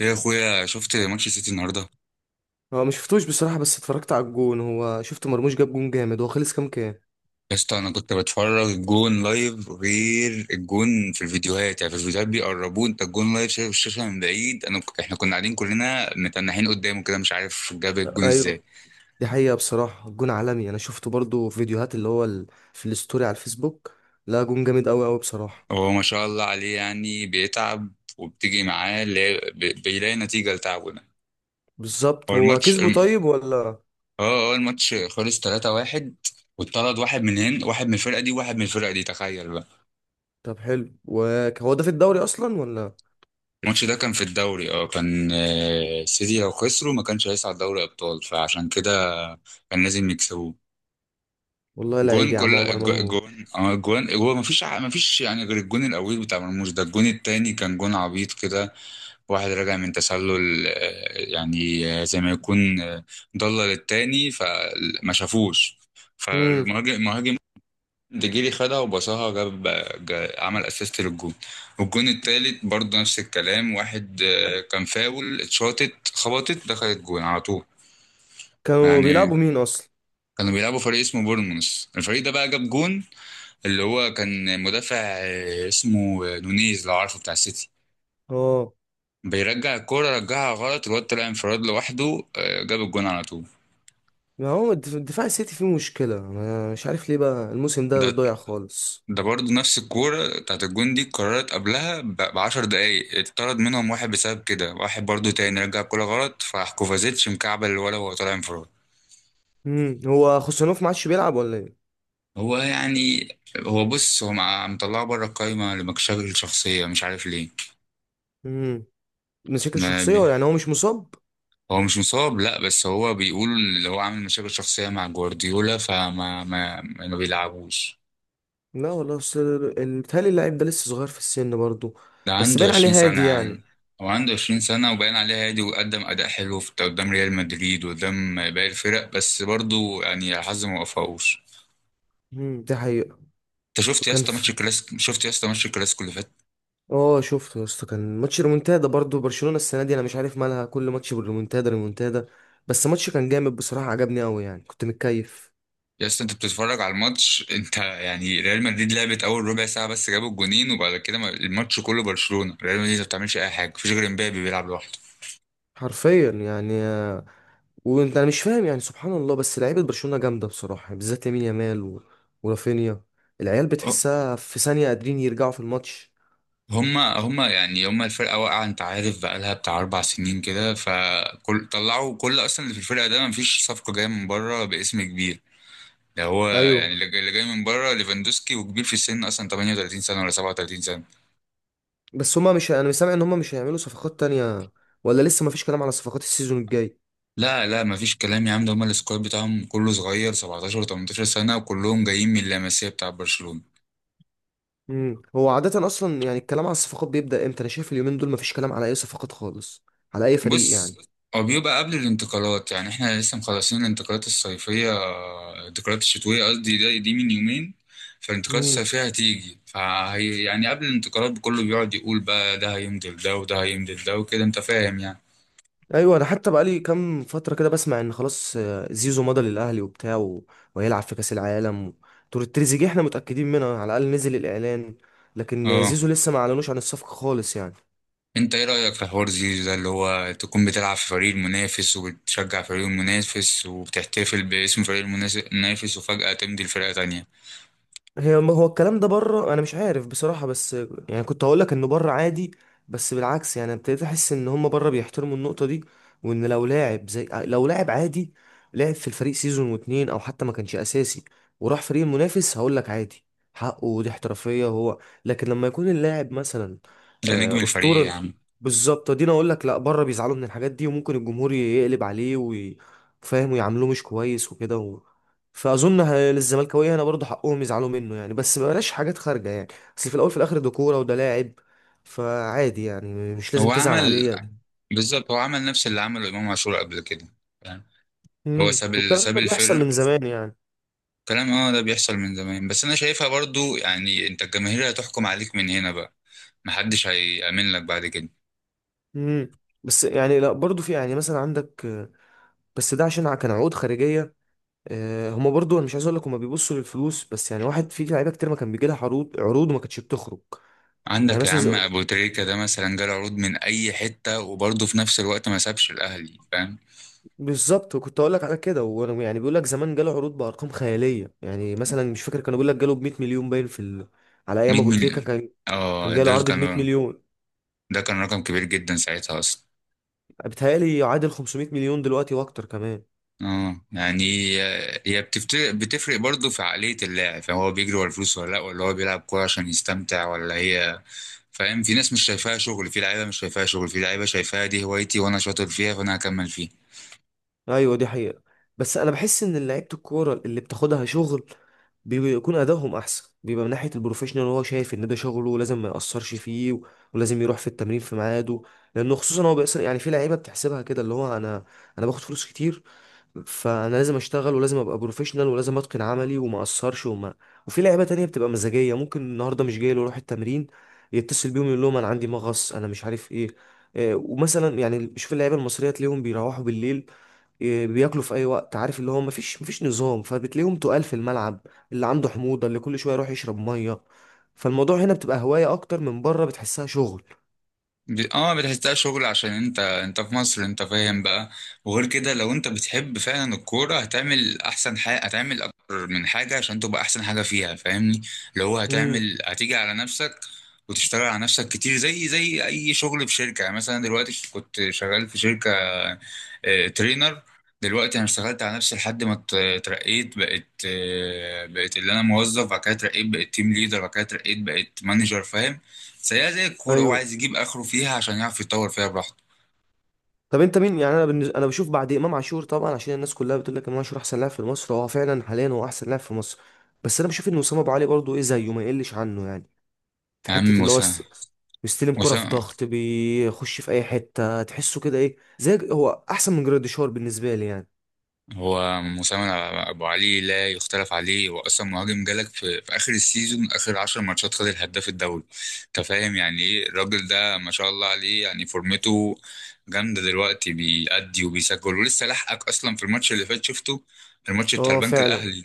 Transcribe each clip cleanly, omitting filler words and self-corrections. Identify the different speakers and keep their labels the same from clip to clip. Speaker 1: يا اخويا، شفت ماتش السيتي النهارده؟
Speaker 2: هو ما شفتوش بصراحة، بس اتفرجت على الجون. هو شفت مرموش جاب جون جامد. هو خلص كام كام؟
Speaker 1: يا اسطى، انا كنت بتفرج الجون لايف، غير الجون في الفيديوهات. يعني في الفيديوهات بيقربوه، انت الجون لايف شايف الشاشه من بعيد. انا احنا كنا قاعدين كلنا متنحين قدامه كده، مش عارف جاب الجون
Speaker 2: ايوه،
Speaker 1: ازاي.
Speaker 2: دي حقيقة. بصراحة الجون عالمي، انا شفته برضو في فيديوهات اللي هو في الستوري على الفيسبوك. لا، جون جامد قوي قوي بصراحة.
Speaker 1: هو ما شاء الله عليه يعني بيتعب، وبتيجي معاه اللي هي بيلاقي نتيجه لتعبه ده.
Speaker 2: بالظبط.
Speaker 1: هو
Speaker 2: هو
Speaker 1: الماتش
Speaker 2: كسبه
Speaker 1: الم-
Speaker 2: طيب ولا؟
Speaker 1: اه اه الماتش خلص 3-1، واتطرد واحد من هنا، واحد من الفرقه دي، واحد من الفرقه دي، تخيل.
Speaker 2: طب حلو. وهو ده في الدوري اصلا ولا؟
Speaker 1: الماتش ده كان في الدوري، اه كان آه، السيتي لو خسروا ما كانش هيصعد دوري ابطال، فعشان كده كان لازم يكسبوه.
Speaker 2: والله لعيب
Speaker 1: جون
Speaker 2: يا عم،
Speaker 1: كل
Speaker 2: عمر
Speaker 1: جو- جون
Speaker 2: مرموش.
Speaker 1: اه جون، هو ما فيش، يعني غير الجون الاول بتاع مرموش ده، الجون التاني كان جون عبيط كده. واحد راجع من تسلل آه، يعني آه، زي ما يكون آه، ضلل التاني فما شافوش،
Speaker 2: امم
Speaker 1: فالمهاجم ديجيري خدها وبصاها جاب، عمل اسيست للجون. والجون التالت برضه نفس الكلام، واحد آه، كان فاول اتشاطت خبطت دخلت جون على طول.
Speaker 2: كانوا
Speaker 1: يعني
Speaker 2: بيلعبوا مين اصلا؟
Speaker 1: كانوا بيلعبوا فريق اسمه بورنموث، الفريق ده بقى جاب جون، اللي هو كان مدافع آه، اسمه آه، نونيز لو عارفه بتاع السيتي،
Speaker 2: اه،
Speaker 1: بيرجع الكورة رجعها غلط، الواد طلع انفراد لوحده آه، جاب الجون على طول.
Speaker 2: ما هو دفاع السيتي فيه مشكلة. انا مش عارف ليه بقى الموسم ده
Speaker 1: ده
Speaker 2: ضايع خالص.
Speaker 1: ده برضه نفس الكورة بتاعت الجون دي، اتكررت قبلها بعشر دقايق، اتطرد منهم واحد بسبب كده، واحد برضه تاني رجع الكورة غلط، فراح كوفازيتش مكعبل الولا وهو طالع انفراد.
Speaker 2: هو خوسانوف ما عادش بيلعب ولا؟
Speaker 1: هو يعني، هو بص، هو مطلعه بره القايمة لمشاكل شخصية، مش عارف ليه.
Speaker 2: ايه، مشاكل
Speaker 1: ما
Speaker 2: شخصية
Speaker 1: بي...
Speaker 2: ولا يعني هو مش مصاب؟
Speaker 1: هو مش مصاب لا، بس هو بيقول اللي هو عامل مشاكل شخصية مع جوارديولا، فما ما, ما بيلعبوش.
Speaker 2: لا والله، أصل بيتهيألي اللاعب ده لسه صغير في السن برضه.
Speaker 1: ده
Speaker 2: بس
Speaker 1: عنده
Speaker 2: باين عليه
Speaker 1: 20 سنة
Speaker 2: هادي
Speaker 1: يا
Speaker 2: يعني.
Speaker 1: عم. هو عنده 20 سنة وباين عليه هادي، وقدم أداء حلو في قدام ريال مدريد وقدام باقي الفرق، بس برضه يعني الحظ ما وفقوش.
Speaker 2: ده حقيقة.
Speaker 1: انت شفت يا
Speaker 2: كان
Speaker 1: اسطى ماتش
Speaker 2: في
Speaker 1: الكلاسيكو؟ اللي فات.
Speaker 2: اه شفته يا اسطى، كان ماتش ريمونتادا برضه. برشلونة السنة دي انا مش عارف مالها، كل ماتش بالريمونتادا ريمونتادا. بس ماتش كان جامد بصراحة، عجبني قوي يعني، كنت متكيف.
Speaker 1: يا اسطى انت بتتفرج على الماتش؟ انت يعني ريال مدريد لعبت اول ربع ساعة بس، جابوا الجونين، وبعد كده الماتش كله برشلونة، ريال مدريد ما بتعملش اي حاجة، مفيش غير امبابي بيلعب لوحده.
Speaker 2: حرفيا يعني. انا مش فاهم يعني، سبحان الله. بس لعيبة برشلونة جامدة بصراحة، بالذات يمين يامال ورافينيا. العيال بتحسها في ثانية قادرين يرجعوا في الماتش.
Speaker 1: هما يعني، هما الفرقة واقعة، انت عارف بقالها بتاع أربع سنين كده، فكل طلعوا، كل أصلا اللي في الفرقة ده مفيش صفقة جاية من بره باسم كبير. ده هو يعني
Speaker 2: ايوه،
Speaker 1: اللي جاي، من بره ليفاندوسكي، وكبير في السن أصلا، 38 سنة ولا 37 سنة.
Speaker 2: بس هما مش انا مش سامع ان هما مش هيعملوا صفقات تانية، ولا لسه مفيش كلام على صفقات السيزون الجاي.
Speaker 1: لا لا مفيش كلام يا عم، ده هما السكواد بتاعهم كله صغير، 17 و 18 سنة، وكلهم جايين من اللاماسيا بتاع برشلونة.
Speaker 2: هو عادة اصلا يعني الكلام على الصفقات بيبدأ امتى؟ انا شايف اليومين دول مفيش كلام على اي صفقات خالص، على اي فريق يعني.
Speaker 1: بص، هو بيبقى قبل الانتقالات يعني، احنا لسه مخلصين الانتقالات الصيفية، الانتقالات الشتوية قصدي دي من يومين. فالانتقالات
Speaker 2: امم
Speaker 1: الصيفية هتيجي، فهي يعني قبل الانتقالات كله بيقعد يقول بقى ده هيمضي ده وده هيمضي ده وكده، انت فاهم يعني.
Speaker 2: ايوه، انا حتى بقالي كام فترة كده بسمع ان خلاص، زيزو مضى للاهلي وبتاع وهيلعب في كأس العالم. تور التريزيجيه احنا متأكدين منها، على الاقل نزل الاعلان. لكن
Speaker 1: اه،
Speaker 2: زيزو لسه ما اعلنوش عن الصفقة خالص يعني.
Speaker 1: انت ايه رأيك في حوار زيزو ده، اللي هو تكون بتلعب في فريق المنافس، وبتشجع فريق المنافس، وبتحتفل باسم فريق المنافس، وفجأة تمضي لفرقة تانية.
Speaker 2: هو الكلام ده بره انا مش عارف بصراحة، بس يعني كنت هقول لك انه بره عادي. بس بالعكس يعني ابتديت احس ان هم بره بيحترموا النقطة دي. وان لو لاعب زي لو لاعب عادي لعب في الفريق سيزون واتنين او حتى ما كانش اساسي وراح فريق منافس، هقول لك عادي، حقه، ودي احترافية هو. لكن لما يكون اللاعب مثلا
Speaker 1: ده نجم الفريق
Speaker 2: اسطورة.
Speaker 1: يعني.
Speaker 2: بالظبط، دي انا اقول لك لا، بره بيزعلوا من الحاجات دي، وممكن الجمهور يقلب عليه فاهم، ويعاملوه مش كويس وكده. فاظن للزملكاويه هنا برضه حقهم يزعلوا منه يعني، بس بلاش حاجات خارجه يعني. اصل في الاول في الاخر ده كوره وده لاعب، فعادي يعني مش
Speaker 1: هو
Speaker 2: لازم تزعل
Speaker 1: عمل
Speaker 2: عليه.
Speaker 1: بالظبط، هو عمل نفس اللي عمله امام عاشور قبل كده، فاهم؟ هو
Speaker 2: والكلام
Speaker 1: ساب
Speaker 2: ده بيحصل
Speaker 1: الفرق.
Speaker 2: من زمان يعني.
Speaker 1: كلام، اه ده بيحصل من زمان، بس انا شايفها برضو يعني، انت الجماهير هتحكم عليك من هنا بقى، محدش هيأمن لك بعد كده.
Speaker 2: امم بس يعني لا، برضه في يعني مثلا عندك بس ده عشان كان عقود خارجيه. هما برضه انا مش عايز اقول لك هما بيبصوا للفلوس، بس يعني واحد في لعيبه كتير ما كان بيجي لها عروض عروض وما كانتش بتخرج. يعني
Speaker 1: عندك يا عم
Speaker 2: مثلا،
Speaker 1: ابو تريكة ده مثلا، جاله عروض من اي حتة، وبرضه في نفس الوقت ما سابش الاهلي، فاهم.
Speaker 2: بالظبط، وكنت اقول لك على كده. وانا يعني بيقول لك زمان جاله عروض بارقام خياليه، يعني مثلا مش فاكر، كانوا بيقول لك جاله ب 100 مليون، باين في على
Speaker 1: 100
Speaker 2: ايام ابو تريكه
Speaker 1: مليون؟
Speaker 2: كان، كان
Speaker 1: اه ده
Speaker 2: جاله عرض ب 100
Speaker 1: كان،
Speaker 2: مليون.
Speaker 1: ده كان رقم كبير جدا ساعتها اصلا.
Speaker 2: بيتهيألي يعادل 500 مليون دلوقتي واكتر كمان.
Speaker 1: اه يعني، هي بتفرق برضه في عقلية اللاعب، يعني هو بيجري ورا الفلوس ولا لا، ولا هو بيلعب كورة عشان يستمتع ولا هي. فاهم، في ناس مش شايفاها شغل، في لعيبة مش شايفاها شغل في لعيبة شايفاها دي هوايتي وانا شاطر فيها، فانا هكمل فيها.
Speaker 2: ايوه دي حقيقه. بس انا بحس ان لعيبه الكوره اللي بتاخدها شغل بيكون ادائهم احسن، بيبقى من ناحيه البروفيشنال هو شايف ان ده شغله ولازم ما ياثرش فيه ولازم يروح في التمرين في ميعاده. لانه خصوصا هو بيأثر يعني، في لعيبه بتحسبها كده اللي هو انا باخد فلوس كتير، فانا لازم اشتغل ولازم ابقى بروفيشنال ولازم اتقن عملي وما اقصرش وما. وفي لعيبه تانية بتبقى مزاجيه، ممكن النهارده مش جاي له يروح التمرين، يتصل بيهم يقول لهم انا عندي مغص، انا مش عارف ايه. ومثلا يعني شوف اللعيبه المصريه تلاقيهم بيروحوا بالليل، بياكلوا في اي وقت، عارف اللي هو مفيش نظام، فبتلاقيهم تقال في الملعب، اللي عنده حموضه، اللي كل شويه يروح يشرب ميه. فالموضوع هنا بتبقى هوايه اكتر، من بره بتحسها شغل.
Speaker 1: بتحسها شغل عشان انت، في مصر، انت فاهم بقى. وغير كده لو انت بتحب فعلا الكورة، هتعمل احسن حاجة، هتعمل اكتر من حاجة عشان تبقى احسن حاجة فيها، فاهمني. اللي هو
Speaker 2: امم
Speaker 1: هتعمل، هتيجي على نفسك وتشتغل على نفسك كتير، زي اي شغل في شركة. يعني مثلا دلوقتي كنت شغال في شركة آه، ترينر، دلوقتي انا اشتغلت على نفسي لحد ما اترقيت، بقيت آه، بقيت اللي انا موظف، بعد كده اترقيت بقيت تيم ليدر، بعد كده اترقيت بقيت مانجر، فاهم. زيها زي الكوره، هو
Speaker 2: ايوه،
Speaker 1: عايز يجيب اخره فيها عشان يعرف يتطور فيها براحته.
Speaker 2: طب انت مين يعني؟ انا بشوف بعد امام عاشور طبعا، عشان الناس كلها بتقول لك امام عاشور احسن لاعب في مصر. هو فعلا حاليا هو احسن لاعب في مصر. بس انا بشوف ان وسام ابو علي برضه ايه زيه ما يقلش عنه يعني. في
Speaker 1: يا عم
Speaker 2: حته اللي هو
Speaker 1: وسام،
Speaker 2: بيستلم كرة في
Speaker 1: وسام
Speaker 2: ضغط، بيخش في اي حته تحسه كده، ايه زي هو احسن من جراديشار بالنسبه لي يعني.
Speaker 1: هو مساهم. ابو علي لا يختلف عليه، هو اصلا مهاجم، جالك في اخر السيزون، اخر 10 ماتشات خد الهداف الدوري. انت فاهم يعني ايه الراجل ده، ما شاء الله عليه، يعني فورمته جامده دلوقتي، بيأدي وبيسجل، ولسه لحقك اصلا في الماتش اللي فات شفته، الماتش بتاع
Speaker 2: اه
Speaker 1: البنك
Speaker 2: فعلا.
Speaker 1: الاهلي.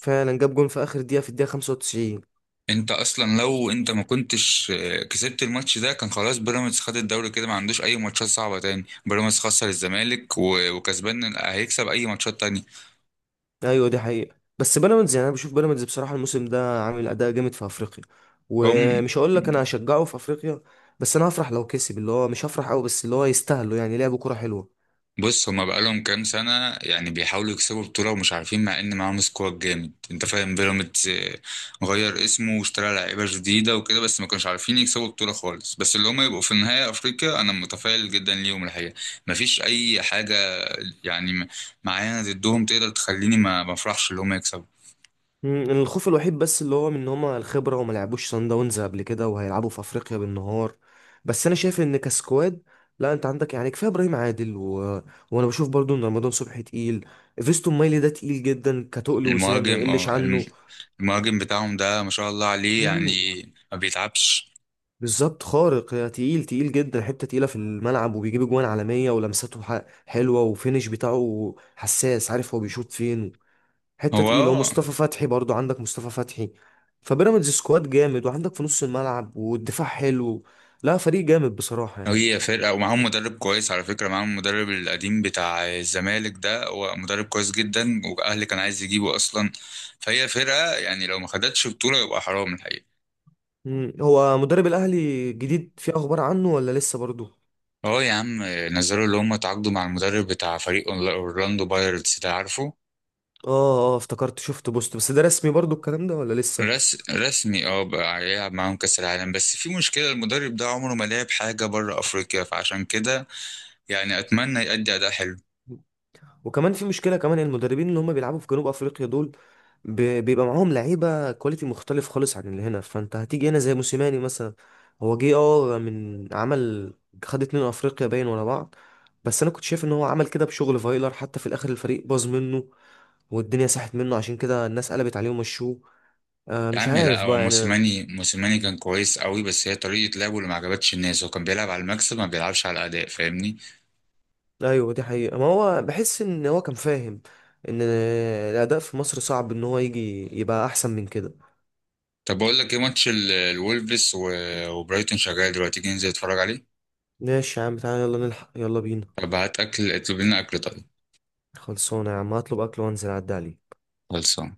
Speaker 2: فعلا جاب جون في اخر دقيقه، في الدقيقه 95.
Speaker 1: انت اصلا لو انت ما كنتش آه، كسبت الماتش ده، كان خلاص بيراميدز خد الدوري كده، ما عندوش اي ماتشات صعبه تاني، بيراميدز خسر الزمالك وكسبان هيكسب اي ماتشات تانية.
Speaker 2: ايوه دي حقيقة. بس بيراميدز يعني انا بشوف بيراميدز بصراحة الموسم ده عامل اداء جامد في افريقيا،
Speaker 1: هم،
Speaker 2: ومش هقول لك انا هشجعه في افريقيا، بس انا هفرح لو كسب، اللي هو مش هفرح قوي بس اللي هو يستاهلوا يعني، لعبوا كرة حلوة.
Speaker 1: بص، هما بقالهم كام سنة يعني بيحاولوا يكسبوا بطولة ومش عارفين، مع إن معاهم سكواد جامد، أنت فاهم بيراميدز آه، غير اسمه واشترى لعيبة جديدة وكده، بس ما كانوش عارفين يكسبوا بطولة خالص. بس اللي هما يبقوا في النهاية أفريقيا أنا متفائل جدا ليهم الحقيقة، مفيش أي حاجة يعني معانا ضدهم تقدر تخليني ما أفرحش اللي هما يكسبوا.
Speaker 2: الخوف الوحيد بس اللي هو من ان هما الخبرة وما لعبوش صن داونز قبل كده، وهيلعبوا في افريقيا بالنهار. بس انا شايف ان كسكواد، لا انت عندك يعني كفايه ابراهيم عادل وانا بشوف برضو ان رمضان صبحي تقيل. فيستون مايلي ده تقيل جدا، كتقل وسام ما
Speaker 1: المهاجم
Speaker 2: يقلش
Speaker 1: اه الم-
Speaker 2: عنه.
Speaker 1: المهاجم بتاعهم ده ما شاء الله عليه يعني،
Speaker 2: مم.
Speaker 1: ما بيتعبش.
Speaker 2: بالظبط خارق يا، تقيل تقيل جدا، حتة تقيلة في الملعب، وبيجيب اجوان عالمية، ولمساته حلوة، وفينش بتاعه حساس عارف هو بيشوط فين. حتة
Speaker 1: هو
Speaker 2: تقيلة.
Speaker 1: آه،
Speaker 2: ومصطفى فتحي برضو، عندك مصطفى فتحي. فبيراميدز سكواد جامد، وعندك في نص الملعب والدفاع حلو. لا فريق جامد بصراحة يعني.
Speaker 1: هي فرقة، ومعاهم مدرب كويس على فكرة، معاهم المدرب القديم بتاع الزمالك ده، هو مدرب كويس جدا، وأهلي كان عايز يجيبه أصلا. فهي فرقة يعني لو ما خدتش بطولة يبقى حرام الحقيقة.
Speaker 2: مم. هو مدرب الأهلي الجديد في أخبار عنه ولا لسه برضو؟
Speaker 1: اه يا عم، نزلوا اللي هم تعاقدوا مع المدرب بتاع فريق أورلاندو بايرتس ده، عارفه.
Speaker 2: اه، اه، افتكرت شفت بوست، بس ده رسمي برضو الكلام ده ولا لسه؟
Speaker 1: رسمي، اه بقى هيلعب معاهم كأس العالم، بس في مشكلة المدرب ده عمره ما لعب حاجة بره أفريقيا، فعشان كده يعني أتمنى يأدي أداء حلو.
Speaker 2: وكمان في مشكله كمان، المدربين اللي هم بيلعبوا في جنوب افريقيا دول بيبقى معاهم لعيبه كواليتي مختلف خالص عن اللي هنا، فانت هتيجي هنا زي موسيماني مثلا. هو جه من عمل، خد اتنين افريقيا باين ورا بعض. بس انا كنت شايف ان هو عمل كده بشغل فايلر، حتى في الاخر الفريق باظ منه، والدنيا ساحت منه، عشان كده الناس قلبت عليه ومشوه.
Speaker 1: يا
Speaker 2: مش
Speaker 1: عم لا،
Speaker 2: عارف
Speaker 1: هو
Speaker 2: بقى يعني.
Speaker 1: موسيماني، كان كويس قوي، بس هي طريقة لعبه اللي ما عجبتش الناس، هو كان بيلعب على المكسب ما بيلعبش على الأداء، فاهمني.
Speaker 2: ايوه دي حقيقة، ما هو بحس ان هو كان فاهم ان الاداء في مصر صعب ان هو يجي يبقى احسن من كده.
Speaker 1: طب بقول لك ايه، ماتش الولفز وبرايتون شغال دلوقتي، تيجي ننزل نتفرج عليه؟
Speaker 2: ماشي يا عم، تعالى يلا نلحق، يلا بينا.
Speaker 1: طب هات أكل، اطلب لنا أكل طيب.
Speaker 2: خلصانة يا عم، هطلب أكل وأنزل أعدي عليك.
Speaker 1: خلصان.